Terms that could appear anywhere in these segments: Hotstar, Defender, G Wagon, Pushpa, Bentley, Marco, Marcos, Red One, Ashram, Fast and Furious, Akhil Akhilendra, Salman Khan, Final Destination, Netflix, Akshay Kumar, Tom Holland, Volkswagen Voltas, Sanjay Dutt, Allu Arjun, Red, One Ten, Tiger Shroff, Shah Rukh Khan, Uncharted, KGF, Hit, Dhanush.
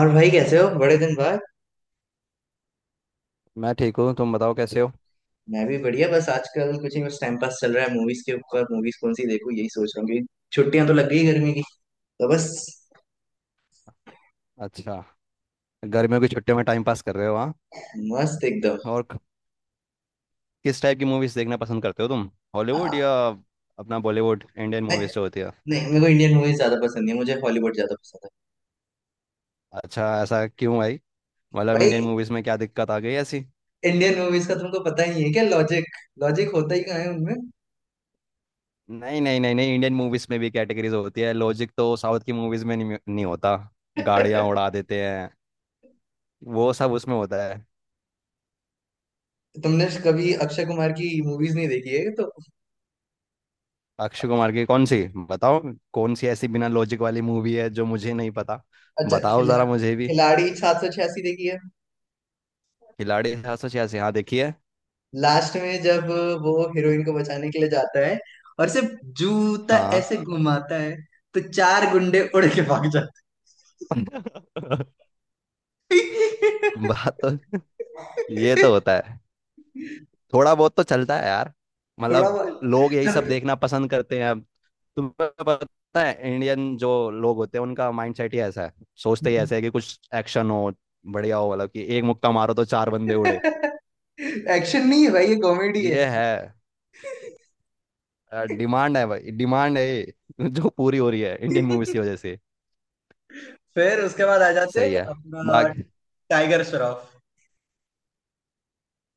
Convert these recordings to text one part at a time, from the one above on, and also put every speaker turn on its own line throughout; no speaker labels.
और भाई कैसे हो बड़े दिन बाद।
मैं ठीक हूँ। तुम बताओ कैसे हो।
मैं भी बढ़िया। बस आजकल कुछ नहीं। बस टाइम पास चल रहा है। मूवीज के ऊपर मूवीज कौन सी देखूं यही सोच रहा हूँ कि छुट्टियां तो लग गई गर्मी की। तो बस।
अच्छा, गर्मियों की छुट्टियों में टाइम पास कर रहे हो हाँ।
मस्त एकदम।
और किस टाइप की मूवीज देखना पसंद करते हो तुम, हॉलीवुड
आ,
या अपना बॉलीवुड इंडियन
नहीं।
मूवीज जो होती है।
नहीं, मेरे को इंडियन मूवीज ज्यादा पसंद नहीं है, मुझे हॉलीवुड ज्यादा पसंद है।
अच्छा, ऐसा क्यों भाई? मतलब
भाई,
इंडियन मूवीज में क्या दिक्कत आ गई ऐसी?
इंडियन मूवीज का तुमको पता ही नहीं है क्या लॉजिक। लॉजिक होता ही कहाँ है उनमें।
नहीं नहीं नहीं नहीं, इंडियन मूवीज में भी कैटेगरीज होती है। लॉजिक तो साउथ की मूवीज में नहीं होता, गाड़ियाँ उड़ा देते हैं, वो सब उसमें होता है।
तुमने कभी
अ,
अक्षय कुमार की मूवीज नहीं देखी है तो।
अक्षय कुमार की कौन सी? बताओ कौन सी ऐसी बिना लॉजिक वाली मूवी है जो मुझे नहीं पता,
अच्छा।
बताओ जरा मुझे भी।
खिलाड़ी 786 देखी है।
खिलाड़ी 786? हाँ देखिए।
लास्ट में जब वो हीरोइन को बचाने के लिए जाता है और सिर्फ जूता
हाँ।
ऐसे घुमाता है तो चार गुंडे उड़ के भाग जाते हैं।
बात तो ये तो होता है, थोड़ा बहुत तो चलता है यार।
थोड़ा
मतलब
बहुत।
लोग यही सब
चल।
देखना पसंद करते हैं अब। तुम्हें पता है इंडियन जो लोग होते हैं उनका माइंडसेट ही ऐसा है, सोचते ही ऐसा है कि कुछ एक्शन हो, बढ़िया हो। मतलब कि एक मुक्का मारो तो चार बंदे उड़े,
एक्शन नहीं है भाई, ये कॉमेडी है।
ये है। डिमांड है भाई, डिमांड है ये, जो पूरी हो रही है इंडियन मूवीज की वजह से।
फिर उसके बाद आ जाते
सही
हैं
है।
अपना
बाकी
टाइगर श्रॉफ।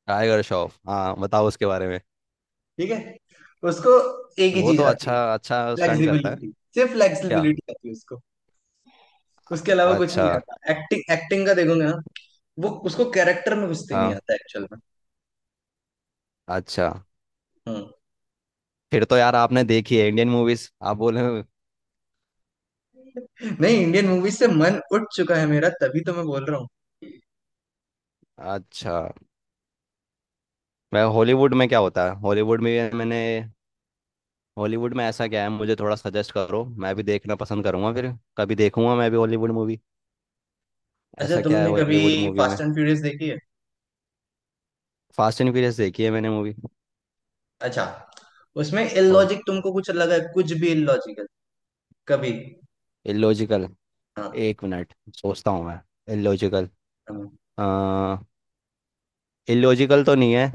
टाइगर श्रॉफ, हाँ बताओ उसके बारे में।
ठीक है। उसको एक ही
वो
चीज
तो
आती
अच्छा
है।
अच्छा स्टंट करता है।
फ्लेक्सिबिलिटी, सिर्फ
क्या?
फ्लेक्सिबिलिटी आती है उसको। उसके अलावा कुछ
अच्छा।
नहीं आता। एक्टिंग, एक्टिंग का देखोगे ना, वो उसको कैरेक्टर में घुसते नहीं
हाँ।
आता एक्चुअल में।
अच्छा।
हम्म।
फिर तो यार आपने देखी है इंडियन मूवीज आप बोले।
नहीं, इंडियन मूवीज से मन उठ चुका है मेरा, तभी तो मैं बोल रहा हूँ।
अच्छा। मैं हॉलीवुड में क्या होता है, हॉलीवुड में मैंने हॉलीवुड में ऐसा क्या है, मुझे थोड़ा सजेस्ट करो, मैं भी देखना पसंद करूंगा फिर, कभी देखूंगा मैं भी हॉलीवुड मूवी।
अच्छा,
ऐसा क्या है
तुमने कभी
हॉलीवुड मूवी
फास्ट
में?
एंड फ्यूरियस देखी है।
फास्ट एंड फ्यूरियस देखी है मैंने मूवी।
अच्छा, उसमें
और
इलॉजिक तुमको कुछ लगा है, कुछ भी इलॉजिकल कभी।
इलॉजिकल,
हाँ
1 मिनट सोचता हूँ मैं। इलॉजिकल,
हाँ।
आ इलॉजिकल तो नहीं है।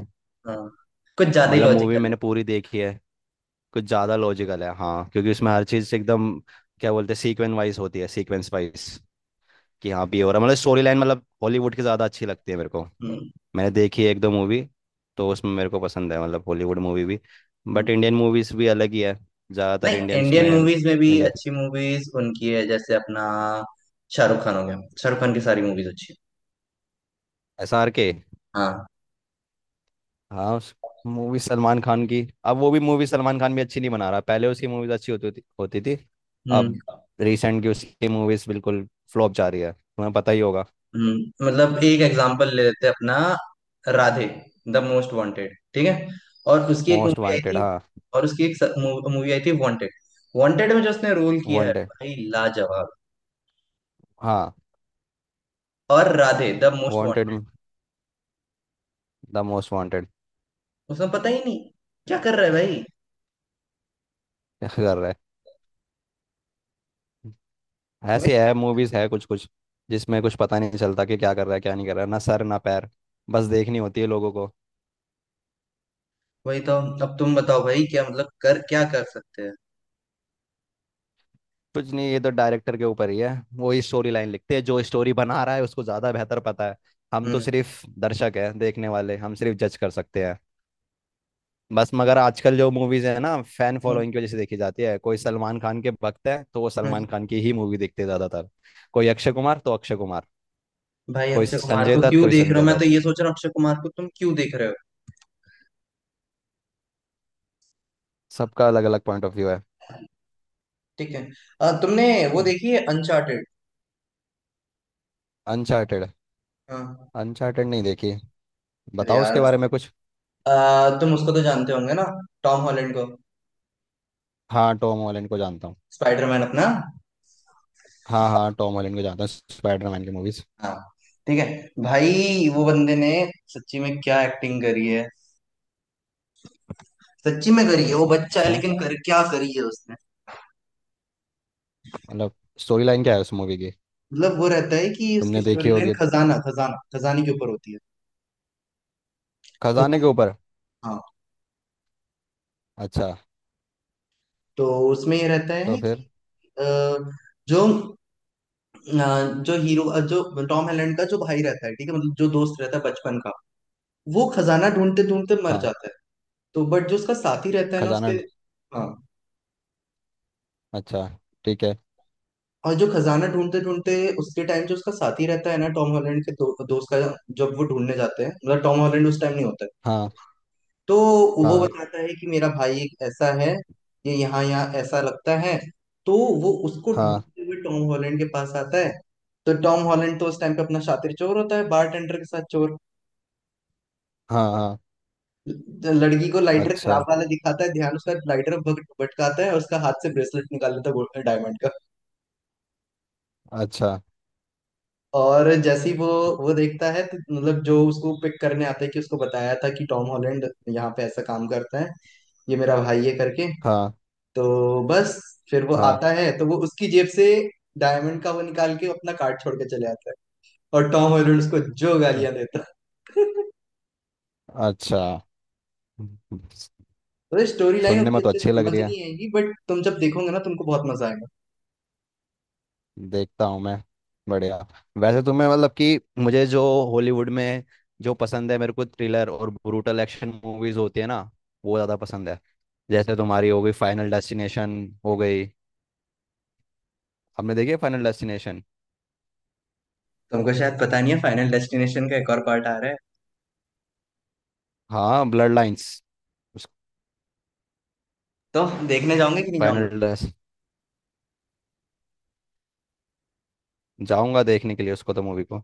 हाँ, कुछ ज्यादा ही
मतलब मूवी
लॉजिकल है।
मैंने पूरी देखी है, कुछ ज्यादा लॉजिकल है हाँ, क्योंकि उसमें हर चीज एकदम, क्या बोलते हैं, सीक्वेंस वाइज होती है, सीक्वेंस वाइज, कि हाँ भी हो रहा है। मतलब स्टोरी लाइन, मतलब हॉलीवुड की ज्यादा अच्छी लगती है मेरे को।
हम्म।
मैंने देखी है एक दो मूवी, तो उसमें मेरे को पसंद है, मतलब हॉलीवुड मूवी भी,
हम्म।
बट इंडियन मूवीज भी अलग ही है। ज्यादातर
नहीं,
इंडियंस
इंडियन
में
मूवीज में भी
इंडियन,
अच्छी मूवीज उनकी है। जैसे अपना शाहरुख खान हो गया। शाहरुख खान की सारी मूवीज अच्छी हैं।
S R K.
हाँ।
हाँ, उस मूवी सलमान खान की, अब वो भी मूवी, सलमान खान भी अच्छी नहीं बना रहा। पहले उसकी मूवीज अच्छी होती थी
हम्म।
अब। रिसेंट की उसकी मूवीज बिल्कुल फ्लॉप जा रही है, तुम्हें पता ही होगा।
मतलब एक एग्जांपल ले लेते हैं अपना। राधे द मोस्ट वांटेड, ठीक है, और उसकी एक
मोस्ट
मूवी आई
वांटेड,
थी,
हाँ।
और उसकी एक मूवी आई थी वांटेड। वांटेड में जो उसने रोल किया है
वांटेड,
भाई, लाजवाब।
हाँ।
और Radhe The Most
Wanted,
Wanted,
The Most Wanted.
उसमें पता ही नहीं क्या कर रहा है भाई।
कर रहा है,
वही।
ऐसी है मूवीज है कुछ कुछ जिसमें कुछ पता नहीं चलता कि क्या कर रहा है क्या नहीं कर रहा है, ना सर ना पैर, बस देखनी होती है लोगों को।
वही तो। अब तुम बताओ भाई, क्या मतलब कर, क्या कर सकते हैं।
कुछ नहीं, ये तो डायरेक्टर के ऊपर ही है, वो ही स्टोरी लाइन लिखते हैं, जो स्टोरी बना रहा है उसको ज़्यादा बेहतर पता है। हम तो
हम्म।
सिर्फ दर्शक हैं देखने वाले, हम सिर्फ जज कर सकते हैं बस। मगर आजकल जो मूवीज है ना फैन
हम्म,
फॉलोइंग की वजह से देखी जाती है, कोई सलमान खान के भक्त है तो वो
हम्म।
सलमान खान की ही मूवी देखते हैं ज़्यादातर, कोई अक्षय कुमार तो अक्षय कुमार,
भाई,
कोई
अक्षय कुमार
संजय
को
दत्त
क्यों
कोई
देख रहे हो।
संजय
मैं तो
दत्त,
ये सोच रहा हूँ अक्षय कुमार को तुम क्यों देख रहे हो।
सबका अलग अलग पॉइंट ऑफ व्यू है।
ठीक है। तुमने वो देखी है अनचार्टेड।
अनचार्टेड?
हाँ।
अनचार्टेड नहीं देखी,
अरे
बताओ
यार,
उसके बारे में कुछ।
तुम उसको तो जानते होंगे ना, टॉम हॉलैंड को।
हाँ टॉम हॉलैंड को जानता हूँ।
स्पाइडरमैन अपना।
हाँ हाँ टॉम हॉलैंड को जानता हूँ, स्पाइडरमैन की मूवीज।
हाँ। ठीक है। भाई, वो बंदे ने सच्ची में क्या एक्टिंग करी है। सच्ची में करी है। वो बच्चा है
अच्छा,
लेकिन कर क्या करी है उसने।
मतलब स्टोरी लाइन क्या है उस मूवी की?
मतलब वो रहता है कि उसकी
तुमने देखी
स्टोरी लाइन
होगी,
खजाना, खजाना, खजाने के ऊपर होती है।
खजाने के
खजाना।
ऊपर?
हाँ।
अच्छा।
तो उसमें ये रहता
तो
है कि
फिर?
अ, जो अ, जो हीरो, जो टॉम हॉलैंड का जो भाई रहता है ठीक है, मतलब जो दोस्त रहता है बचपन का, वो खजाना ढूंढते ढूंढते मर
हाँ
जाता है। तो बट जो उसका साथी रहता है ना उसके।
खजाना।
हाँ।
अच्छा। ठीक है।
और जो खजाना ढूंढते ढूंढते उसके टाइम जो उसका साथी रहता है ना टॉम हॉलैंड के दोस्त का, जब वो ढूंढने जाते हैं मतलब टॉम हॉलैंड उस टाइम नहीं होता है,
हाँ।
तो वो
हाँ।
बताता है कि मेरा भाई एक ऐसा है, ये यहाँ यहाँ ऐसा लगता है, तो वो उसको
हाँ।
ढूंढते हुए टॉम हॉलैंड के पास आता है। तो टॉम हॉलैंड तो उस टाइम पे अपना शातिर चोर होता है, बारटेंडर के साथ चोर।
हाँ। हाँ।
लड़की को लाइटर खराब
अच्छा।
वाला दिखाता है, ध्यान उसका लाइटर भटकाता है और उसका हाथ से ब्रेसलेट निकाल लेता है, डायमंड।
अच्छा।
और जैसे ही वो देखता है तो मतलब जो उसको पिक करने आता है, कि उसको बताया था कि टॉम हॉलैंड यहाँ पे ऐसा काम करता है, ये मेरा भाई है करके,
हाँ।
तो बस, फिर वो
हाँ।
आता है तो वो उसकी जेब से डायमंड का वो निकाल के अपना कार्ड छोड़ के चले आता है, और टॉम हॉलैंड उसको जो
अ-
गालियां देता है।
अच्छा।
तो स्टोरी लाइन
सुनने में
उतनी
तो
अच्छे से
अच्छी लग
समझ
रही है,
नहीं आएगी बट तुम जब देखोगे ना तुमको बहुत मजा आएगा।
देखता हूँ मैं। बढ़िया। वैसे तुम्हें मतलब कि मुझे जो हॉलीवुड में जो पसंद है, मेरे को थ्रिलर और ब्रूटल एक्शन मूवीज होती है ना, वो ज़्यादा पसंद है। जैसे तुम्हारी हो गई फाइनल डेस्टिनेशन, हो गई, आपने देखी है फाइनल डेस्टिनेशन?
तुमको शायद पता नहीं है, फाइनल डेस्टिनेशन का एक और पार्ट आ रहा है।
हाँ, ब्लड लाइंस। उस
तो देखने जाओगे कि नहीं जाओगे।
फाइनल डेस्ट जाऊंगा देखने के लिए उसको तो, मूवी को।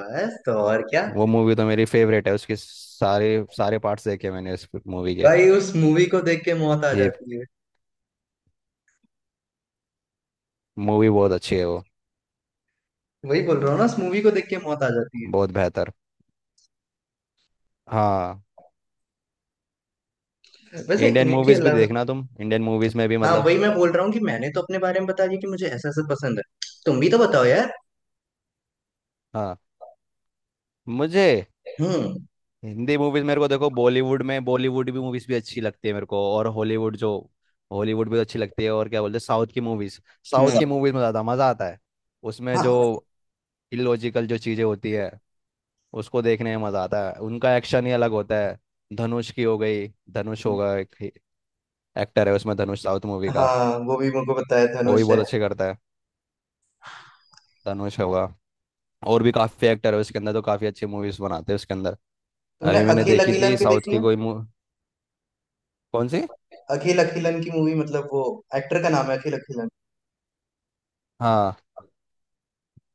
बस, तो और क्या।
वो मूवी तो मेरी फेवरेट है, उसके सारे सारे पार्ट्स देखे मैंने उस मूवी के।
भाई उस मूवी को देख के मौत आ
ये
जाती है।
मूवी बहुत अच्छी है वो,
वही बोल रहा हूँ ना, उस मूवी को देख के मौत आ जाती है।
बहुत बेहतर। हाँ,
वैसे
इंडियन
इनके
मूवीज भी
अलावा,
देखना तुम, इंडियन मूवीज में भी
हाँ
मतलब।
वही मैं बोल रहा हूँ कि मैंने तो अपने बारे में बता दिया कि मुझे ऐसा ऐसा पसंद है। तुम भी तो बताओ यार।
हाँ, मुझे
हम्म।
हिंदी मूवीज मेरे को देखो, बॉलीवुड में बॉलीवुड भी मूवीज भी अच्छी लगती है मेरे को, और हॉलीवुड जो हॉलीवुड भी अच्छी लगती है, और क्या बोलते हैं साउथ की मूवीज, साउथ की
सब।
मूवीज में ज़्यादा मज़ा आता है। उसमें जो
हम्म।
इलॉजिकल जो चीज़ें होती है उसको देखने में मज़ा आता है, उनका एक्शन ही अलग होता है। धनुष की हो गई, धनुष होगा एक एक्टर है उसमें, धनुष साउथ मूवी
हाँ
का,
हाँ, वो भी मुझको बताया
वो भी
धनुष
बहुत
है।
अच्छे करता है। धनुष होगा, और भी काफ़ी एक्टर है उसके अंदर, तो काफ़ी अच्छी मूवीज बनाते हैं उसके अंदर।
तुमने
अभी मैंने
अखिल
देखी थी
अखिलन की
साउथ
देखी
की
है।
कोई कौन सी?
अखिल अखिलन की मूवी मतलब वो, एक्टर का नाम है अखिल अखिलन।
हाँ।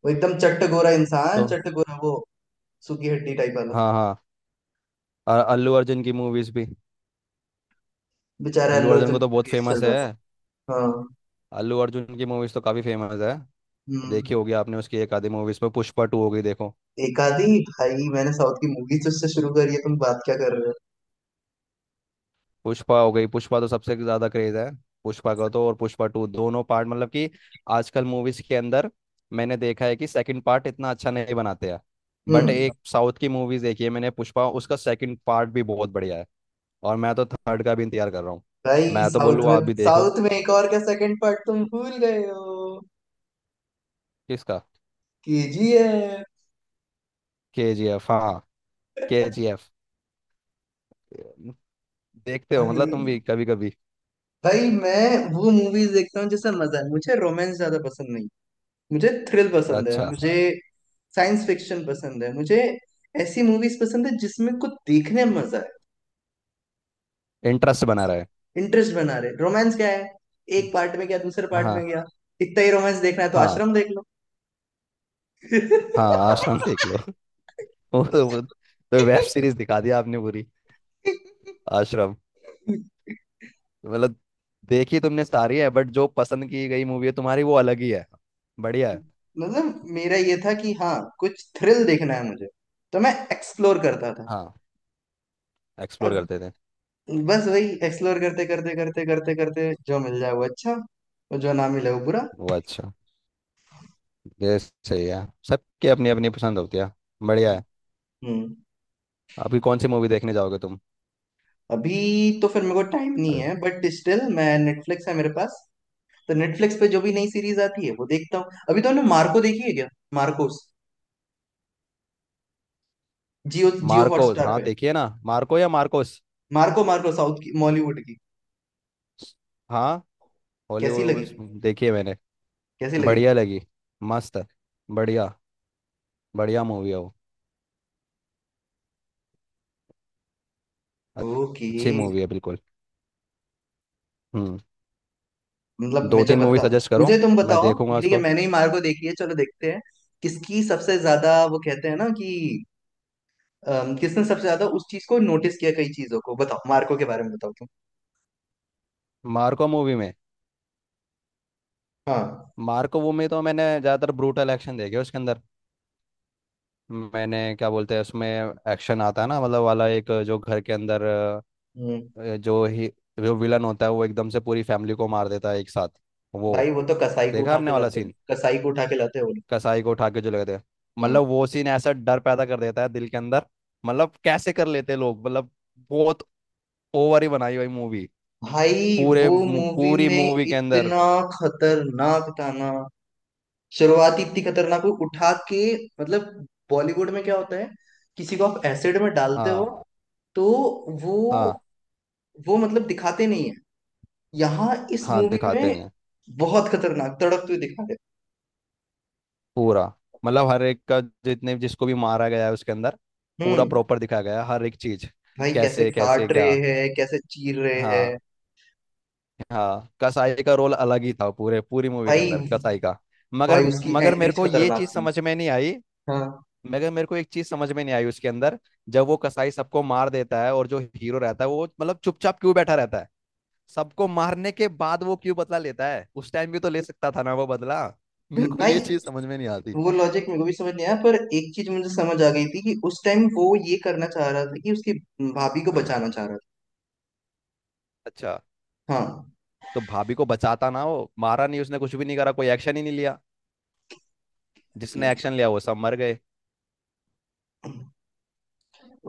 वो एकदम चट्ट गोरा
तो।
इंसान, चट्ट गोरा वो, सूखी हड्डी टाइप वाला।
हाँ हाँ, और अल्लू अर्जुन की मूवीज भी।
बेचारा
अल्लू
अल्लू
अर्जुन को
अर्जुन
तो
का
बहुत
केस चल
फेमस है।
रहा था। हाँ।
अ- अल्लू अर्जुन की मूवीज तो काफी फेमस है,
हम्म।
देखी होगी आपने उसकी एक आधी मूवीज में, पुष्पा 2 हो गई देखो,
एक आधी? भाई मैंने साउथ की मूवीज से शुरू करी है, तुम बात क्या कर रहे हो।
पुष्पा हो गई। पुष्पा तो सबसे ज्यादा क्रेज है पुष्पा का तो, और पुष्पा 2 दोनों पार्ट, मतलब कि आजकल मूवीज के अंदर मैंने देखा है कि सेकंड पार्ट इतना अच्छा नहीं बनाते हैं, बट
हम्म।
एक साउथ की मूवीज देखी है मैंने, पुष्पा, उसका सेकंड पार्ट भी बहुत बढ़िया है। और मैं तो थर्ड का भी इंतजार कर रहा हूँ,
भाई
मैं तो
साउथ
बोलूँ
में,
आप भी देखो।
साउथ में एक और का सेकंड पार्ट तुम भूल गए हो।
किसका?
केजीएफ।
के जी एफ, हाँ केजीएफ। देखते हो मतलब तुम
भाई।
भी कभी कभी।
भाई मैं वो मूवीज देखता हूँ जिसमें मजा है। मुझे रोमांस ज्यादा पसंद नहीं, मुझे थ्रिल पसंद है।
अच्छा।
मुझे साइंस फिक्शन पसंद है। मुझे ऐसी मूवीज पसंद है जिसमें कुछ देखने में मजा है।
इंटरेस्ट बना रहा है।
इंटरेस्ट बना रहे। रोमांस क्या है, एक पार्ट में गया दूसरे पार्ट
हाँ,
में गया। इतना ही रोमांस देखना है तो
हाँ,
आश्रम देख लो।
हाँ आश्रम देख लो। वो तो तो वेब सीरीज दिखा दिया आपने पूरी, आश्रम। मतलब देखी तुमने सारी है, बट जो पसंद की गई मूवी है तुम्हारी वो अलग ही है, बढ़िया है।
मतलब मेरा ये था कि हाँ कुछ थ्रिल देखना है मुझे, तो मैं एक्सप्लोर करता था।
हाँ एक्सप्लोर
अब
करते थे,
बस वही एक्सप्लोर करते करते करते करते करते जो मिल जाए वो अच्छा, और जो ना मिले वो बुरा।
वो अच्छा। ये सही है, सबकी अपनी अपनी पसंद होती है, बढ़िया है।
हम्म।
अभी कौन सी मूवी देखने जाओगे तुम?
अभी? तो फिर मेरे को टाइम नहीं
अरे,
है बट स्टिल, मैं, नेटफ्लिक्स है मेरे पास। तो नेटफ्लिक्स पे जो भी नई सीरीज आती है वो देखता हूँ। अभी तो हमने मार्को देखी है क्या, Marcos. Jio, Jio
Marcos,
Hotstar
हाँ
पे।
देखिए ना, मार्को या मार्कोस?
मार्को। मार्को साउथ की, बॉलीवुड की।
हाँ,
कैसी
हॉलीवुड
लगी,
उस देखी है मैंने,
कैसी लगी।
बढ़िया लगी, मस्त है, बढ़िया, बढ़िया मूवी है वो,
ओके।
अच्छी मूवी है बिल्कुल। हम्म
मतलब
दो
मुझे
तीन मूवी
बता,
सजेस्ट करो,
मुझे तुम
मैं
बताओ
देखूंगा
कि ठीक है
उसको।
मैंने ही मार्को देखी है चलो देखते हैं। किसकी सबसे ज्यादा, वो कहते हैं ना कि, किसने सबसे ज्यादा उस चीज को नोटिस किया। कई चीजों को बताओ, मार्को के बारे में बताओ तुम।
मार्को मूवी में,
हाँ।
मार्को मूवी में तो मैंने ज़्यादातर ब्रूटल एक्शन देखे उसके अंदर, मैंने क्या बोलते हैं उसमें, एक्शन आता है ना, मतलब वाला एक जो घर के अंदर
हम्म।
जो ही जो विलन होता है वो एकदम से पूरी फैमिली को मार देता है एक साथ वो।
भाई वो तो कसाई को
देखा
उठा
आपने
के
वाला
लाते हैं,
सीन,
कसाई को उठा के लाते हैं वो लोग।
कसाई को उठा के जो लगे थे,
हम्म।
मतलब वो सीन ऐसा डर पैदा कर देता है दिल के अंदर। मतलब कैसे कर लेते हैं लोग मतलब, बहुत ओवर ही बनाई हुई मूवी,
भाई
पूरे
वो मूवी
पूरी
में
मूवी के अंदर।
इतना खतरनाक था ना, शुरुआत ही इतनी खतरनाक हुई, उठा के, मतलब बॉलीवुड में क्या होता है, किसी को आप एसिड में डालते हो
हाँ
तो वो
हाँ,
वो मतलब दिखाते नहीं है, यहाँ इस
हाँ
मूवी
दिखाते
में
नहीं हैं।
बहुत खतरनाक तड़पते हुए दिखा रहे
पूरा, मतलब हर एक का जितने जिसको भी मारा गया है उसके अंदर
हैं।
पूरा
हम्म।
प्रॉपर दिखाया गया है हर एक चीज।
भाई कैसे
कैसे कैसे
काट रहे
क्या,
हैं, कैसे चीर रहे हैं।
हाँ। हाँ, कसाई का रोल अलग ही था, पूरे पूरी मूवी के
भाई।
अंदर कसाई का। मगर
भाई उसकी
मगर मेरे
एंट्रीज
को ये
खतरनाक
चीज
थी।
समझ में नहीं आई,
हाँ।
मगर मेरे को एक चीज समझ में नहीं आई उसके अंदर। जब वो कसाई सबको मार देता है और जो हीरो रहता है वो मतलब चुपचाप क्यों बैठा रहता है? सबको मारने के बाद वो क्यों बदला लेता है? उस टाइम भी तो ले सकता था ना वो बदला। मेरे को
भाई
ये चीज समझ में नहीं आती।
वो लॉजिक मेरे को भी समझ नहीं आया, पर एक चीज मुझे समझ आ गई थी कि उस टाइम वो ये करना चाह रहा था कि उसकी भाभी को बचाना चाह रहा
अच्छा।
था। हाँ।
तो भाभी को बचाता ना, वो मारा नहीं उसने, कुछ भी नहीं करा, कोई एक्शन ही नहीं लिया। जिसने एक्शन लिया वो सब मर गए।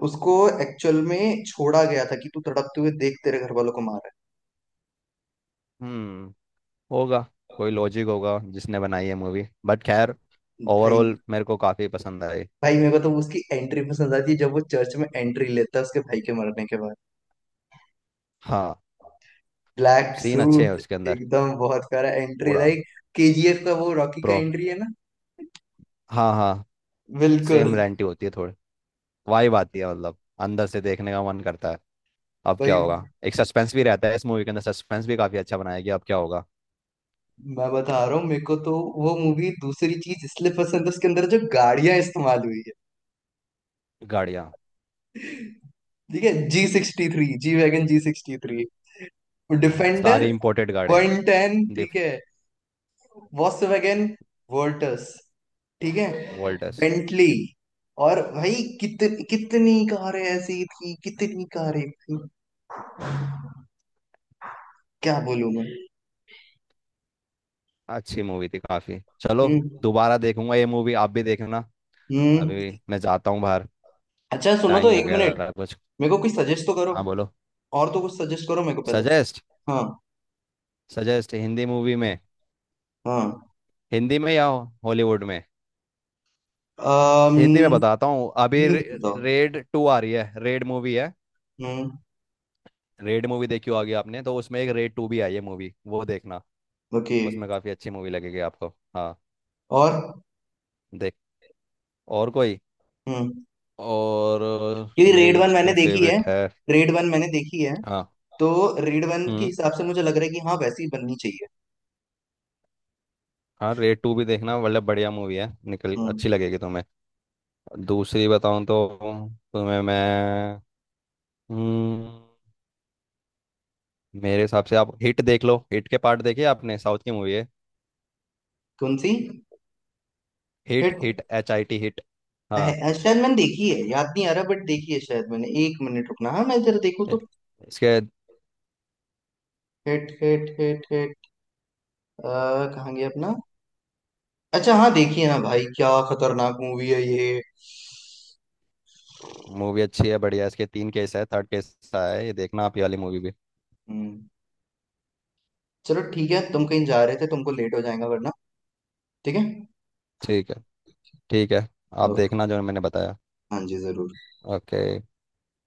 उसको एक्चुअल में छोड़ा गया था कि तू तड़पते हुए देख तेरे घर वालों को मारा
हम्म होगा, कोई लॉजिक होगा जिसने बनाई है मूवी, बट खैर,
है। भाई।
ओवरऑल मेरे को काफी पसंद आई।
भाई मेरे को तो उसकी एंट्री पसंद आती है, जब वो चर्च में एंट्री लेता है उसके भाई के मरने के बाद।
हाँ,
ब्लैक
सीन अच्छे हैं
सूट,
उसके अंदर,
एकदम, बहुत प्यारा एंट्री,
पूरा
लाइक केजीएफ का वो रॉकी का
प्रो
एंट्री है ना।
हाँ हाँ,
बिल्कुल।
सेम रेंटी होती है थोड़ी, वाइब आती है मतलब, अंदर से देखने का मन करता है, अब क्या
भाई
होगा, एक सस्पेंस भी रहता है इस मूवी के अंदर, सस्पेंस भी काफी अच्छा बनाया गया, अब क्या होगा।
मैं बता रहा हूँ, मेरे को तो वो मूवी दूसरी चीज इसलिए पसंद है उसके अंदर जो गाड़ियां इस्तेमाल हुई है।
गाड़ियाँ,
ठीक है, जी 63, जी वैगन, जी 63, डिफेंडर
सारी इंपोर्टेड गाड़ियाँ,
110, ठीक
डिफ
है, वॉक्सवैगन, वोल्टस, ठीक है,
वोल्टस।
बेंटली, और भाई कित, कितनी कारें ऐसी थी, कितनी कारें थी, क्या बोलूं मैं।
अच्छी मूवी थी काफी, चलो
हम्म।
दोबारा देखूंगा ये मूवी, आप भी देखना।
हम्म।
अभी मैं जाता हूँ बाहर,
अच्छा सुनो तो,
टाइम हो
एक
गया
मिनट।
जरा कुछ।
मेरे को कुछ सजेस्ट तो करो।
हाँ बोलो।
और तो कुछ सजेस्ट करो मेरे को पहले।
सजेस्ट,
हाँ।
सजेस्ट हिंदी मूवी में,
हाँ।
हिंदी में या हॉलीवुड में?
अम,
हिंदी में बताता हूँ अभी,
नहीं, बताओ।
रेड 2 आ रही है, रेड मूवी है।
हम्म।
रेड मूवी देखी होगी आपने, तो उसमें एक रेड 2 भी आई है मूवी, वो देखना।
ओके।
उसमें काफी अच्छी मूवी लगेगी आपको। हाँ,
और।
देख, और कोई,
हम्म।
और
क्योंकि रेड
मेरी
वन मैंने
जो
देखी है,
फेवरेट है।
रेड वन मैंने देखी है,
हाँ।
तो रेड वन के
हम्म
हिसाब से मुझे लग रहा है कि हाँ वैसी बननी चाहिए।
हाँ रेड 2 भी देखना, मतलब बढ़िया मूवी है, निकल
हम्म।
अच्छी लगेगी तुम्हें। दूसरी बताऊं तो तुम्हें मैं, हम्म मेरे हिसाब से आप हिट देख लो, हिट के पार्ट देखे आपने? साउथ की मूवी है।
कौन सी।
Hit,
Hit.
Hit HIT hit. हाँ।
शायद मैंने देखी है, याद नहीं आ रहा, बट देखी है शायद मैंने। एक मिनट रुकना, हाँ मैं जरा देखूँ
इ-
तो।
इसके
हिट हिट हिट हिट। अ, कहाँ गया अपना। अच्छा हाँ, देखिए ना भाई क्या खतरनाक मूवी है ये।
मूवी अच्छी है बढ़िया है। इसके तीन केस है, थर्ड केस है, ये देखना आप ये वाली मूवी भी।
हम्म। चलो ठीक है, तुम कहीं जा रहे थे तुमको लेट हो जाएगा वरना। ठीक है।
ठीक है। ठीक है, आप
ओके।
देखना जो मैंने बताया।
हाँ जी, जरूर।
ओके।